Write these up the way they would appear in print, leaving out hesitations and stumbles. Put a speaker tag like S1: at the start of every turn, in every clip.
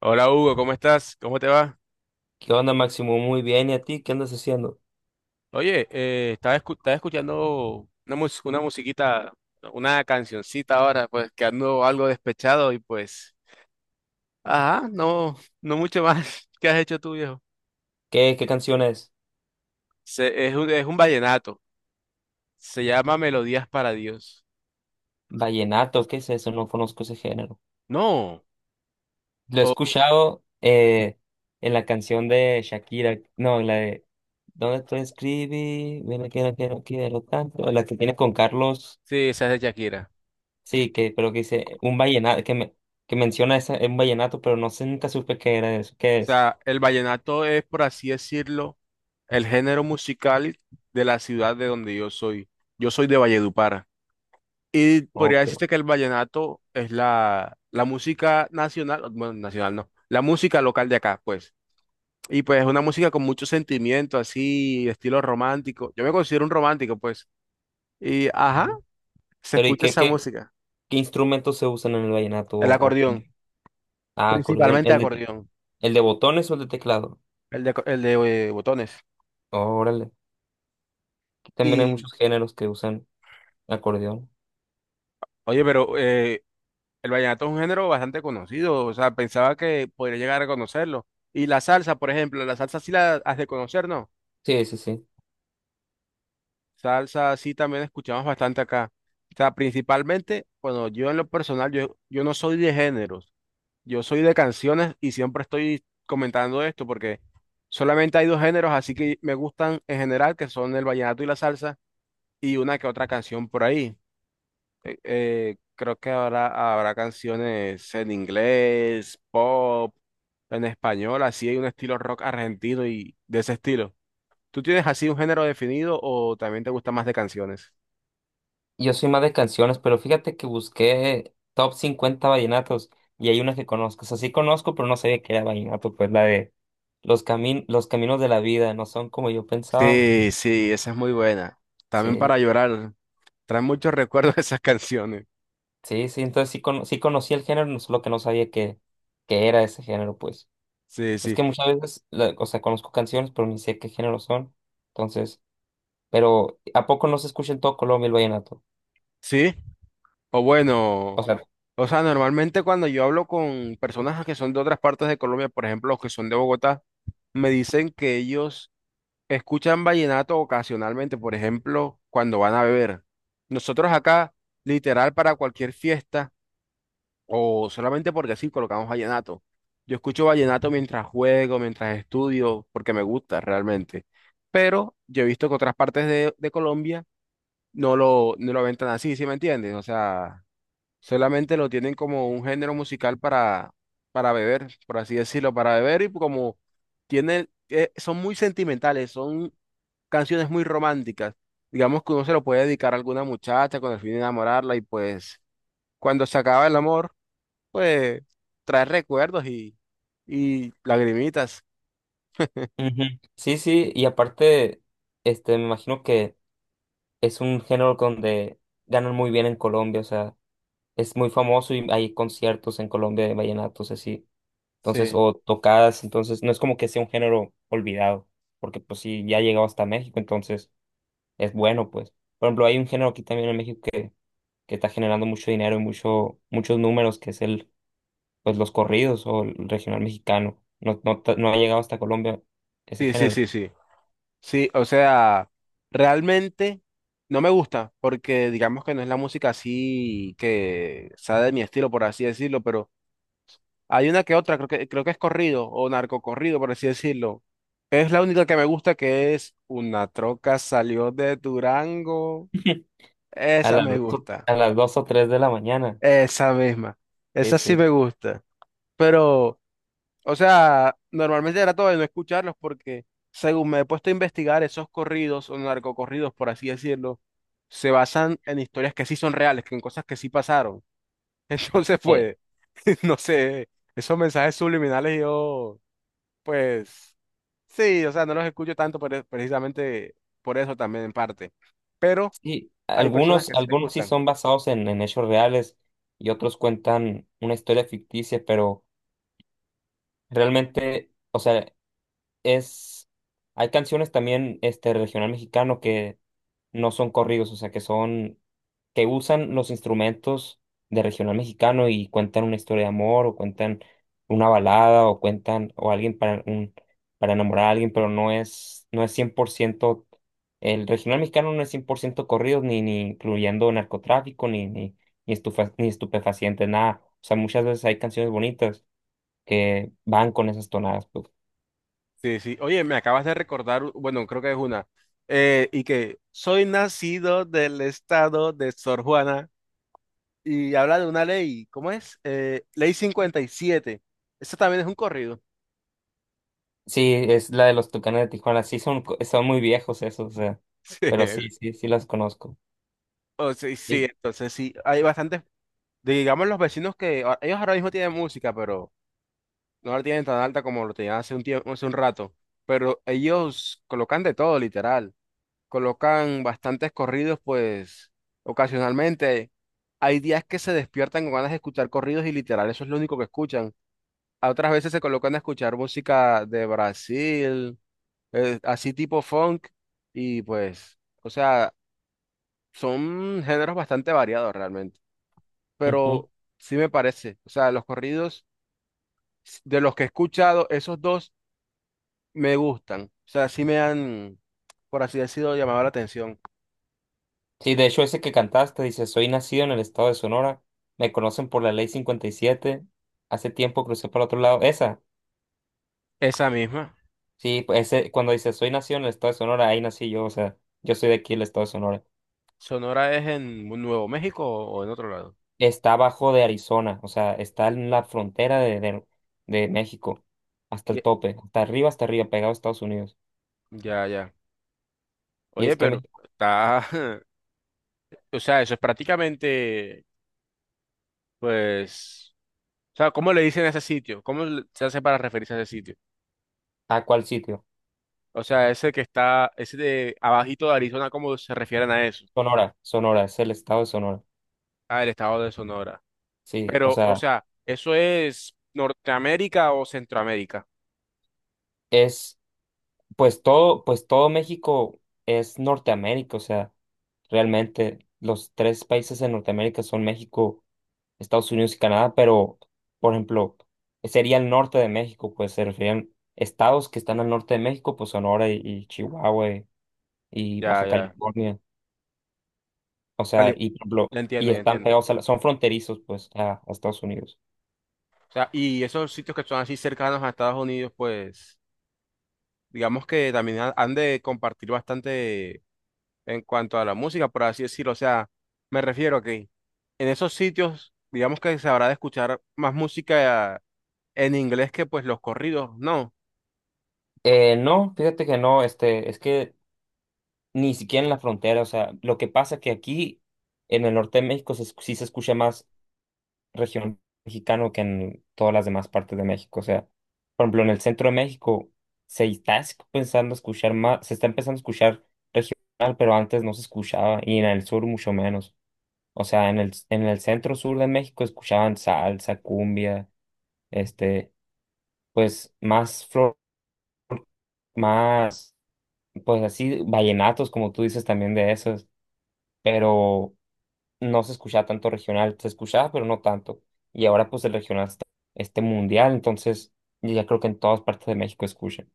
S1: Hola Hugo, ¿cómo estás? ¿Cómo te va?
S2: ¿Qué onda, Máximo? Muy bien. ¿Y a ti? ¿Qué andas haciendo?
S1: Oye, estaba, estaba escuchando una, una musiquita, una cancioncita ahora, pues que ando algo despechado y pues, ajá, no, no mucho más. ¿Qué has hecho tú, viejo?
S2: ¿Qué canción es?
S1: Es un, es un vallenato, se llama Melodías para Dios.
S2: Vallenato, ¿qué es eso? No conozco ese género.
S1: No,
S2: Lo he
S1: oh,
S2: escuchado en la canción de Shakira. No, en la de ¿dónde te escribí? Mira que no quiero, quiero tanto. La que tiene con Carlos.
S1: sí, esa es de Shakira.
S2: Sí, que, pero que dice un vallenato, que, me, que menciona esa, un vallenato, pero no sé, nunca supe qué era eso. ¿Qué
S1: O
S2: es?
S1: sea, el vallenato es, por así decirlo, el género musical de la ciudad de donde yo soy. Yo soy de Valledupar. Y podría
S2: Ok.
S1: decirte que el vallenato es la, la música nacional, bueno, nacional no, la música local de acá, pues. Y pues es una música con mucho sentimiento, así, estilo romántico. Yo me considero un romántico, pues. Y, ajá, se
S2: Pero ¿y
S1: escucha
S2: qué,
S1: esa
S2: qué,
S1: música.
S2: qué instrumentos se usan en el vallenato?
S1: El acordeón,
S2: Ah, acordeón.
S1: principalmente
S2: ¿El de,
S1: acordeón,
S2: el de botones o el de teclado?
S1: el de botones.
S2: Órale. Aquí también hay
S1: Y,
S2: muchos géneros que usan acordeón.
S1: oye, pero el vallenato es un género bastante conocido, o sea, pensaba que podría llegar a conocerlo. Y la salsa, por ejemplo, la salsa sí la has de conocer, ¿no?
S2: Sí, sí, sí.
S1: Salsa, sí, también escuchamos bastante acá. O sea, principalmente, bueno, yo en lo personal, yo no soy de géneros, yo soy de canciones y siempre estoy comentando esto porque solamente hay dos géneros, así que me gustan en general, que son el vallenato y la salsa, y una que otra canción por ahí. Creo que habrá, habrá canciones en inglés, pop, en español, así hay un estilo rock argentino y de ese estilo. ¿Tú tienes así un género definido o también te gusta más de canciones?
S2: Yo soy más de canciones, pero fíjate que busqué top 50 vallenatos y hay una que conozco. O sea, sí conozco, pero no sabía que era vallenato, pues la de los caminos de la vida no son como yo pensaba.
S1: Sí, sí, esa es muy buena. También
S2: Sí,
S1: para llorar. Trae muchos recuerdos esas canciones.
S2: sí, sí. Entonces sí, sí conocí el género, solo que no sabía que, era ese género, pues.
S1: Sí,
S2: Es
S1: sí.
S2: que muchas veces, o sea, conozco canciones, pero ni sé qué género son. Entonces, pero ¿a poco no se escucha en todo Colombia el vallenato?
S1: Sí, o
S2: O
S1: bueno,
S2: sea,
S1: o sea, normalmente cuando yo hablo con personas que son de otras partes de Colombia, por ejemplo, los que son de Bogotá, me dicen que ellos escuchan vallenato ocasionalmente, por ejemplo, cuando van a beber. Nosotros acá, literal, para cualquier fiesta, o solamente porque sí colocamos vallenato. Yo escucho vallenato mientras juego, mientras estudio, porque me gusta realmente. Pero yo he visto que otras partes de Colombia no lo, no lo ven tan así, ¿sí me entiendes? O sea, solamente lo tienen como un género musical para beber, por así decirlo, para beber y como tienen, son muy sentimentales, son canciones muy románticas. Digamos que uno se lo puede dedicar a alguna muchacha con el fin de enamorarla y pues cuando se acaba el amor pues trae recuerdos y lagrimitas.
S2: ujú. Sí, sí, y aparte, este, me imagino que es un género donde ganan muy bien en Colombia, o sea, es muy famoso y hay conciertos en Colombia de vallenatos así, entonces,
S1: Sí,
S2: o tocadas, entonces, no es como que sea un género olvidado, porque pues sí, ya ha llegado hasta México, entonces es bueno, pues. Por ejemplo, hay un género aquí también en México que está generando mucho dinero y mucho, muchos números, que es el, pues los corridos o el regional mexicano. No, no, no ha llegado hasta Colombia ese
S1: sí, sí,
S2: género.
S1: sí, sí. Sí, o sea, realmente no me gusta porque digamos que no es la música así que sea de mi estilo, por así decirlo, pero hay una que otra, creo que es corrido o narcocorrido, por así decirlo. Es la única que me gusta que es Una troca salió de Durango.
S2: A
S1: Esa
S2: las
S1: me
S2: dos,
S1: gusta,
S2: a las dos o tres de la mañana.
S1: esa misma, esa sí
S2: Ese.
S1: me gusta, pero... O sea, normalmente trato de no escucharlos porque, según me he puesto a investigar, esos corridos o narcocorridos, por así decirlo, se basan en historias que sí son reales, que en cosas que sí pasaron. Entonces,
S2: Eh,
S1: pues, no sé, esos mensajes subliminales yo, pues, sí, o sea, no los escucho tanto por precisamente por eso también en parte. Pero
S2: sí,
S1: hay personas
S2: algunos,
S1: que sí les
S2: algunos sí
S1: gustan.
S2: son basados en hechos reales y otros cuentan una historia ficticia, pero realmente, o sea, es, hay canciones también este regional mexicano que no son corridos. O sea, que usan los instrumentos de regional mexicano y cuentan una historia de amor o cuentan una balada o cuentan o alguien para enamorar a alguien, pero no es 100%, el regional mexicano no es 100% corridos, ni incluyendo narcotráfico, ni estupefacientes, nada. O sea, muchas veces hay canciones bonitas que van con esas tonadas, pues.
S1: Sí, sí. Oye, me acabas de recordar, bueno, creo que es una, y que soy nacido del estado de Sor Juana y habla de una ley, ¿cómo es? Ley 57. Eso también es un corrido.
S2: Sí, es la de los Tucanes de Tijuana. Sí, son muy viejos esos, o sea,
S1: Sí,
S2: pero sí, sí, sí las conozco.
S1: o sí, sí,
S2: Sí.
S1: entonces sí, hay bastantes, digamos los vecinos que, ellos ahora mismo tienen música, pero no la tienen tan alta como lo tenían hace un tiempo, hace un rato, pero ellos colocan de todo, literal. Colocan bastantes corridos, pues ocasionalmente hay días que se despiertan con ganas de escuchar corridos y literal, eso es lo único que escuchan. A otras veces se colocan a escuchar música de Brasil, así tipo funk, y pues, o sea, son géneros bastante variados realmente,
S2: Ujú.
S1: pero sí me parece, o sea, los corridos de los que he escuchado, esos dos me gustan, o sea, sí me han, por así decirlo, llamado la atención.
S2: Sí, de hecho, ese que cantaste dice: soy nacido en el estado de Sonora, me conocen por la ley 57. Hace tiempo crucé para otro lado. Esa,
S1: Esa misma.
S2: sí, pues, ese, cuando dice: soy nacido en el estado de Sonora, ahí nací yo, o sea, yo soy de aquí, el estado de Sonora.
S1: ¿Sonora es en Nuevo México o en otro lado?
S2: Está abajo de Arizona, o sea, está en la frontera de México, hasta el
S1: Ye-
S2: tope, hasta arriba, pegado a Estados Unidos.
S1: Ya, ya.
S2: Y
S1: Oye,
S2: es que,
S1: pero está... O sea, eso es prácticamente, pues... O sea, ¿cómo le dicen a ese sitio? Se hace para referirse a ese sitio?
S2: ¿a cuál sitio?
S1: O sea, ese que está, ese de abajito de Arizona, ¿cómo se refieren a eso?
S2: Sonora, Sonora, es el estado de Sonora.
S1: Ah, el estado de Sonora.
S2: Sí, o
S1: Pero, o
S2: sea,
S1: sea, ¿eso es Norteamérica o Centroamérica?
S2: es, pues todo México es Norteamérica, o sea, realmente los tres países en Norteamérica son México, Estados Unidos y Canadá, pero, por ejemplo, sería el norte de México, pues se referían estados que están al norte de México, pues Sonora y Chihuahua y
S1: Ya,
S2: Baja
S1: ya.
S2: California, o sea,
S1: Cali-
S2: y, por ejemplo,
S1: Ya
S2: y
S1: entiendo, ya
S2: están
S1: entiendo.
S2: pegados, son fronterizos, pues, a Estados Unidos.
S1: O sea, y esos sitios que son así cercanos a Estados Unidos, pues... digamos que también han de compartir bastante en cuanto a la música, por así decirlo. O sea, me refiero a que en esos sitios, digamos que se habrá de escuchar más música en inglés que pues los corridos, no.
S2: No, fíjate que no, este, es que ni siquiera en la frontera, o sea, lo que pasa que aquí en el norte de México sí se escucha más región mexicano que en todas las demás partes de México, o sea, por ejemplo, en el centro de México se está pensando escuchar más, se está empezando a escuchar regional, pero antes no se escuchaba, y en el sur mucho menos. O sea, en el, centro sur de México escuchaban salsa, cumbia, este, pues más flor, más, pues así, vallenatos, como tú dices también de esos, pero no se escuchaba tanto regional, se escuchaba, pero no tanto. Y ahora pues el regional está este mundial, entonces yo ya creo que en todas partes de México escuchan,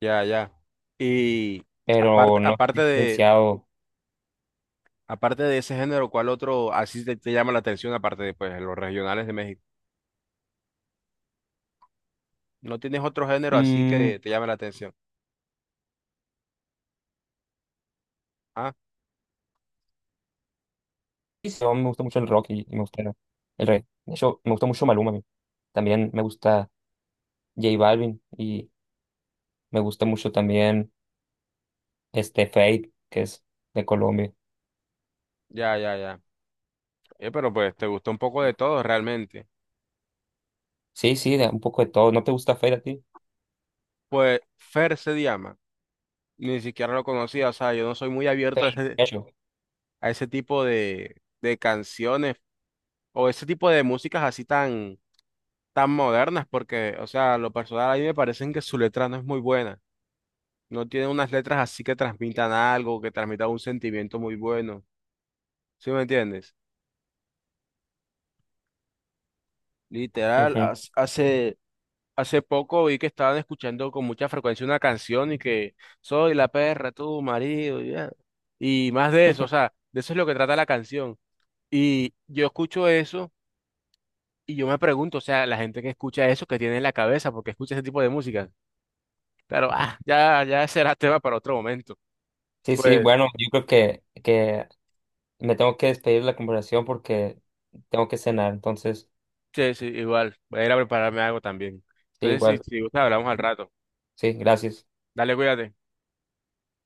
S1: Ya, ya. Y aparte,
S2: pero no he diferenciado.
S1: aparte de ese género, ¿cuál otro así te, te llama la atención aparte de pues los regionales de México? ¿No tienes otro género así
S2: Mm,
S1: que te llame la atención? Ah,
S2: sí, sí, me gusta mucho el rock y me gusta el rey. De hecho, me gusta mucho Maluma a mí. También me gusta J Balvin y me gusta mucho también este Fade, que es de Colombia.
S1: ya, ya, ya. Pero pues te gustó un poco de todo realmente.
S2: Sí, sí, un poco de todo. ¿No te gusta Fade a ti?
S1: Pues Fer se llama. Ni siquiera lo conocía, o sea, yo no soy muy abierto
S2: Fade, de hecho.
S1: a ese tipo de canciones o ese tipo de músicas así tan, tan modernas, porque, o sea, lo personal a mí me parecen que su letra no es muy buena, no tiene unas letras así que transmitan algo, que transmitan un sentimiento muy bueno, ¿sí me entiendes? Literal,
S2: Ujú.
S1: Hace poco vi que estaban escuchando con mucha frecuencia una canción y que soy la perra, tu marido, ya. Y más de eso, o sea, de eso es lo que trata la canción. Y yo escucho eso y yo me pregunto, o sea, la gente que escucha eso, que tiene en la cabeza, porque escucha ese tipo de música. Claro, ah, ya, ya será tema para otro momento.
S2: Sí, sí,
S1: Pues,
S2: bueno, yo creo que me tengo que despedir de la conversación porque tengo que cenar, entonces,
S1: sí, sí, igual, voy a ir a prepararme algo también.
S2: sí,
S1: Entonces, si,
S2: igual,
S1: si gusta, hablamos al rato.
S2: sí, gracias.
S1: Dale, cuídate.